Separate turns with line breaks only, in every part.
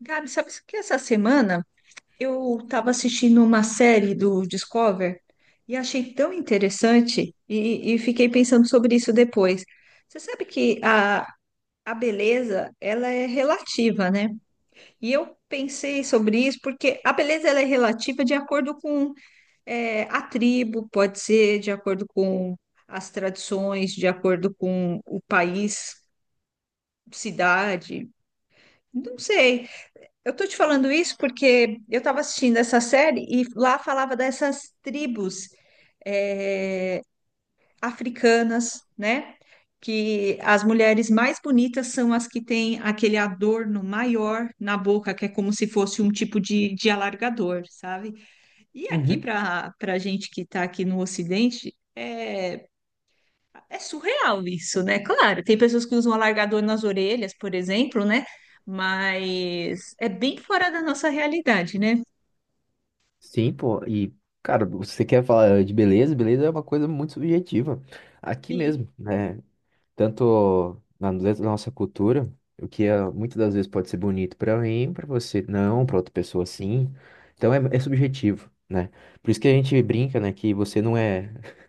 Gabi, sabe que essa semana eu estava assistindo uma série do Discover e achei tão interessante e fiquei pensando sobre isso depois. Você sabe que a beleza, ela é relativa, né? E eu pensei sobre isso porque a beleza ela é relativa de acordo com a tribo, pode ser de acordo com as tradições, de acordo com o país, cidade, não sei. Eu tô te falando isso porque eu estava assistindo essa série e lá falava dessas tribos eh, africanas, né? Que as mulheres mais bonitas são as que têm aquele adorno maior na boca, que é como se fosse um tipo de alargador, sabe? E aqui
Uhum.
para a gente que está aqui no Ocidente, é surreal isso, né? Claro, tem pessoas que usam alargador nas orelhas, por exemplo, né? Mas é bem fora da nossa realidade, né?
Sim, pô. E, cara, você quer falar de beleza? Beleza é uma coisa muito subjetiva. Aqui
Sim,
mesmo, né? Tanto na dentro da nossa cultura, o que é, muitas das vezes pode ser bonito pra mim, pra você não, pra outra pessoa sim. Então é subjetivo, né? Por isso que a gente brinca, né? Que você não é.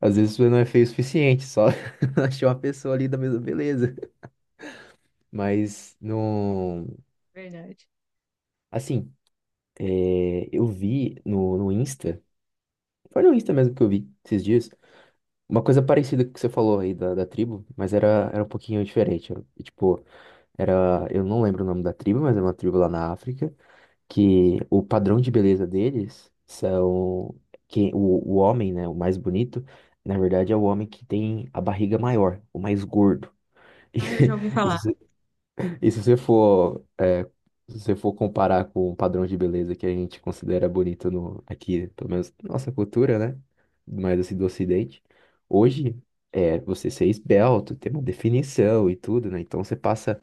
Às vezes você não é feio o suficiente, só achou uma pessoa ali da mesma beleza. Mas não.
verdade.
Assim, eu vi no Insta. Foi no Insta mesmo que eu vi esses dias uma coisa parecida com o que você falou aí da tribo, mas era um pouquinho diferente. Era, tipo, eu não lembro o nome da tribo, mas é uma tribo lá na África, que o padrão de beleza deles são que o homem, né, o mais bonito, na verdade é o homem que tem a barriga maior, o mais gordo.
Ah, eu já ouvi
E,
falar.
e se você for, é, se você for comparar com o padrão de beleza que a gente considera bonito no, aqui, pelo menos na nossa cultura, né? Mais assim do Ocidente, hoje é você ser esbelto, ter uma definição e tudo, né? Então você passa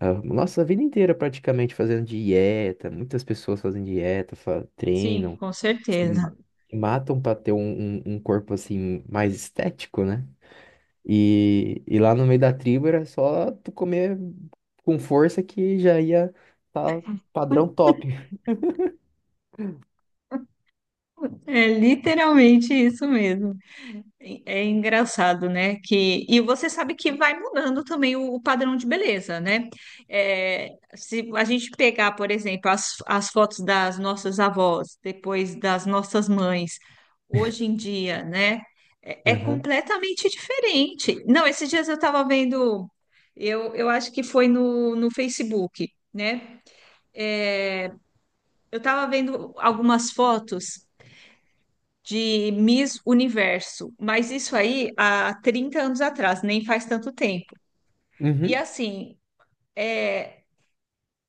a nossa vida inteira praticamente fazendo dieta, muitas pessoas fazem dieta,
Sim,
treinam,
com
se
certeza.
ma- se matam para ter um, um corpo assim mais estético, né? E lá no meio da tribo era só tu comer com força que já ia tá padrão top.
É literalmente isso mesmo. É engraçado, né? E você sabe que vai mudando também o padrão de beleza, né? É, Se a gente pegar, por exemplo, as fotos das nossas avós, depois das nossas mães, hoje em dia, né? É
Aham.
completamente diferente. Não, esses dias eu estava vendo, eu acho que foi no Facebook, né? Eu estava vendo algumas fotos de Miss Universo, mas isso aí há 30 anos atrás, nem faz tanto tempo. E
Uhum.
assim, é,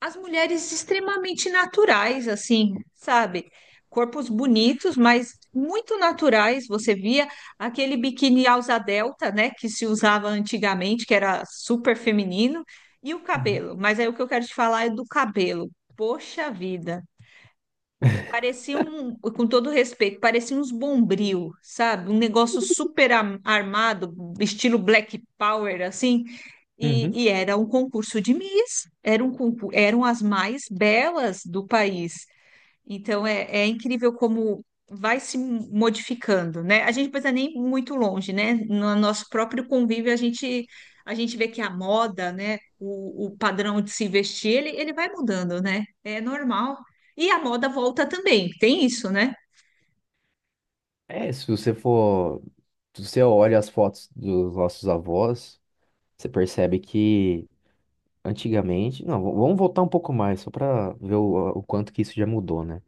as mulheres extremamente naturais, assim, sabe? Corpos bonitos, mas muito naturais. Você via aquele biquíni alça delta, né, que se usava antigamente, que era super feminino, e o
Uhum.
cabelo. Mas aí o que eu quero te falar é do cabelo. Poxa vida. Parecia um, com todo respeito, parecia uns bombril, sabe? Um negócio super armado, estilo Black Power, assim. E,
Uhum.
e era um concurso de Miss. Era um concurso, eram as mais belas do país. Então é incrível como vai se modificando, né? A gente não precisa nem ir muito longe, né? No nosso próprio convívio, a gente vê que a moda, né? O padrão de se vestir, ele vai mudando, né? É normal. E a moda volta também, tem isso, né?
É, se você for. Se você olha as fotos dos nossos avós, você percebe que antigamente. Não, vamos voltar um pouco mais, só para ver o quanto que isso já mudou, né?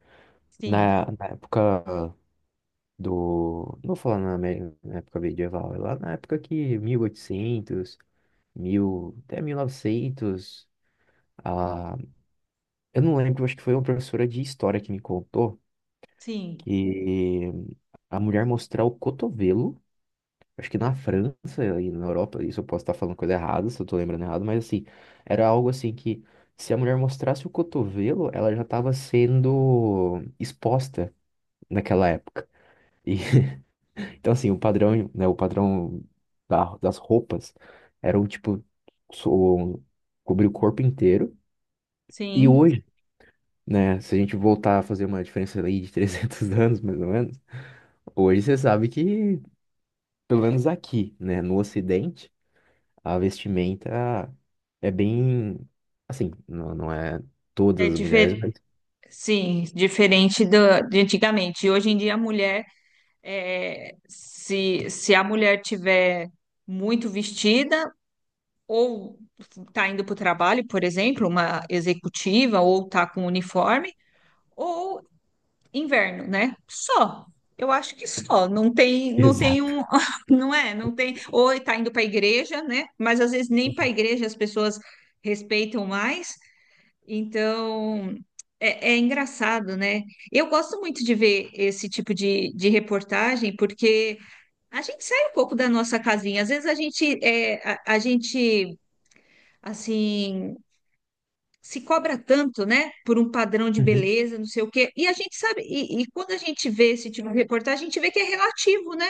Sim,
Na época do. Não vou falar na época medieval, é lá na época que 1800 mil, até 1900. Ah, eu não lembro, acho que foi uma professora de história que me contou
sim,
que a mulher mostrar o cotovelo, acho que na França e na Europa, isso eu posso estar falando coisa errada, se eu tô lembrando errado, mas assim, era algo assim que se a mulher mostrasse o cotovelo, ela já estava sendo exposta naquela época. E, então assim, o padrão, né, o padrão das roupas era o tipo so- cobrir o corpo inteiro. E
sim.
hoje, né? Se a gente voltar a fazer uma diferença aí de 300 anos, mais ou menos, hoje você sabe que, pelo menos aqui, né, no Ocidente, a vestimenta é bem, assim, não, é
É
todas as mulheres,
difer...
mas...
Sim, diferente do, de antigamente. Hoje em dia, a mulher, é, se a mulher tiver muito vestida, ou está indo para o trabalho, por exemplo, uma executiva, ou está com um uniforme, ou inverno, né? Só. Eu acho que só. Não tem, não tem um,
Exato.
não é, não tem. Ou está indo para a igreja, né? Mas às vezes nem para a igreja as pessoas respeitam mais. Então é engraçado, né? Eu gosto muito de ver esse tipo de reportagem porque a gente sai um pouco da nossa casinha. Às vezes a gente, a gente assim se cobra tanto, né, por um padrão de
Uhum.
beleza, não sei o quê. E a gente sabe, e quando a gente vê esse tipo de reportagem, a gente vê que é relativo, né?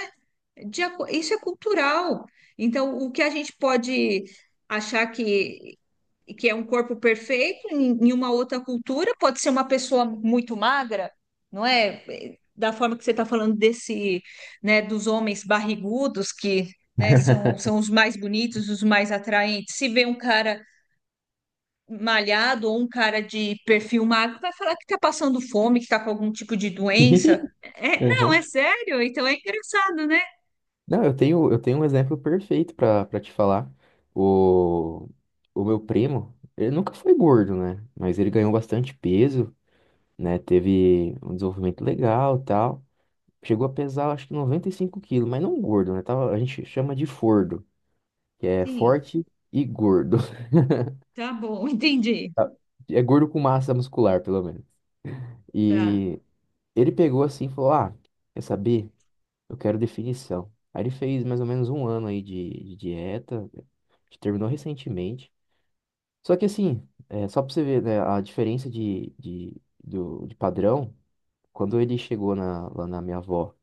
Isso é cultural. Então, o que a gente pode achar que, é um corpo perfeito em uma outra cultura pode ser uma pessoa muito magra, não é? Da forma que você está falando desse, né, dos homens barrigudos que, né, são, são os mais bonitos, os mais atraentes. Se vê um cara malhado ou um cara de perfil magro vai falar que tá passando fome, que tá com algum tipo de doença. É, não,
Aham.
é sério? Então é engraçado, né?
Não, eu tenho um exemplo perfeito pra para te falar. O, o meu primo, ele nunca foi gordo, né? Mas ele ganhou bastante peso, né? Teve um desenvolvimento legal, tal. Chegou a pesar, acho que 95 quilos, mas não gordo, né? Tava, a gente chama de fordo, que é
Sim,
forte e gordo.
tá bom, entendi.
É gordo com massa muscular, pelo menos.
Tá.
E ele pegou assim e falou: Ah, quer saber? Eu quero definição. Aí ele fez mais ou menos um ano aí de dieta, que terminou recentemente. Só que assim, é, só pra você ver, né, a diferença de padrão, quando ele chegou lá na minha avó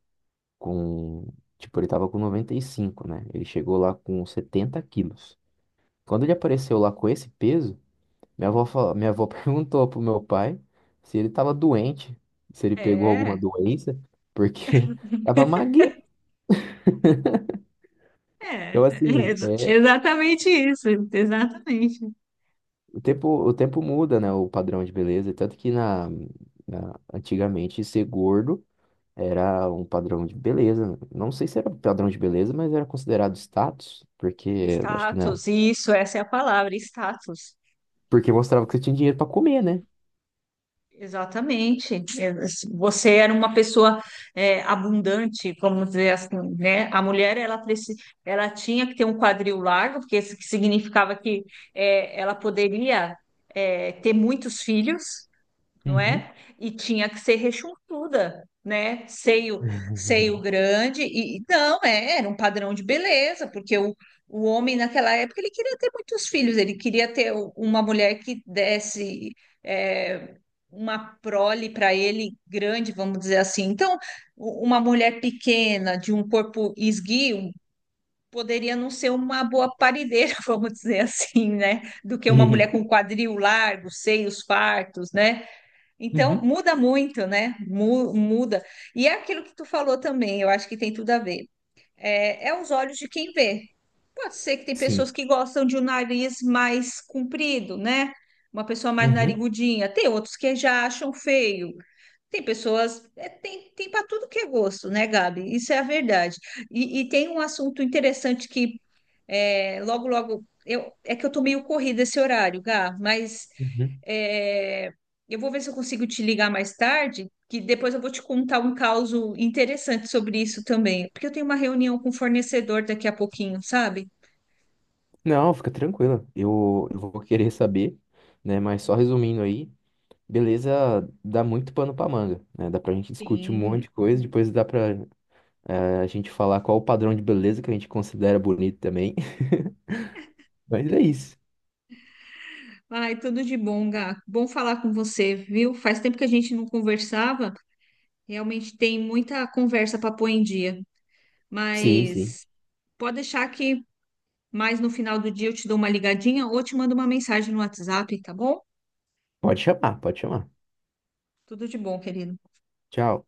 com, tipo, ele tava com 95, né? Ele chegou lá com 70 quilos. Quando ele apareceu lá com esse peso, minha avó, minha avó perguntou pro meu pai se ele tava doente, se ele pegou alguma
É,
doença, porque tava magrinho.
é,
Então,
é
assim, é,
exatamente isso, exatamente.
o tempo muda, né? O padrão de beleza. Tanto que antigamente ser gordo era um padrão de beleza. Não sei se era um padrão de beleza, mas era considerado status, porque acho que na...
Status, isso, essa é a palavra, status.
Porque mostrava que você tinha dinheiro pra comer, né?
Exatamente. Você era uma pessoa abundante, vamos dizer assim, né? A mulher ela tinha que ter um quadril largo, porque isso que significava que ela poderia ter muitos filhos, não
Uhum.
é? E tinha que ser rechonchuda, né? Seio grande e não, era um padrão de beleza, porque o homem naquela época ele queria ter muitos filhos, ele queria ter uma mulher que desse é, uma prole para ele grande, vamos dizer assim. Então, uma mulher pequena de um corpo esguio poderia não ser uma boa parideira, vamos dizer assim, né? Do que uma
Sim.
mulher com quadril largo, seios fartos, né? Então,
Uhum.
muda muito, né? Muda. E é aquilo que tu falou também, eu acho que tem tudo a ver. É os olhos de quem vê. Pode ser que tem pessoas
Sim.
que gostam de um nariz mais comprido, né? Uma pessoa mais
Uhum.
narigudinha. Tem outros que já acham feio. Tem pessoas, tem para tudo que é gosto, né, Gabi? Isso é a verdade. E tem um assunto interessante que logo, logo, é que eu tô meio corrida esse horário, Gá, mas
Uhum.
é, eu vou ver se eu consigo te ligar mais tarde, que depois eu vou te contar um caso interessante sobre isso também, porque eu tenho uma reunião com o fornecedor daqui a pouquinho, sabe?
Não, fica tranquila. Eu vou querer saber, né? Mas só resumindo aí, beleza, dá muito pano pra manga, né? Dá pra gente discutir um monte
Sim.
de coisa, depois dá pra a gente falar qual o padrão de beleza que a gente considera bonito também. Mas é isso.
Ai, tudo de bom, Gá. Bom falar com você, viu? Faz tempo que a gente não conversava. Realmente tem muita conversa para pôr em dia.
Sim, sim.
Mas pode deixar que mais no final do dia eu te dou uma ligadinha ou te mando uma mensagem no WhatsApp, tá bom?
Pode chamar, pode chamar.
Tudo de bom, querido.
Tchau.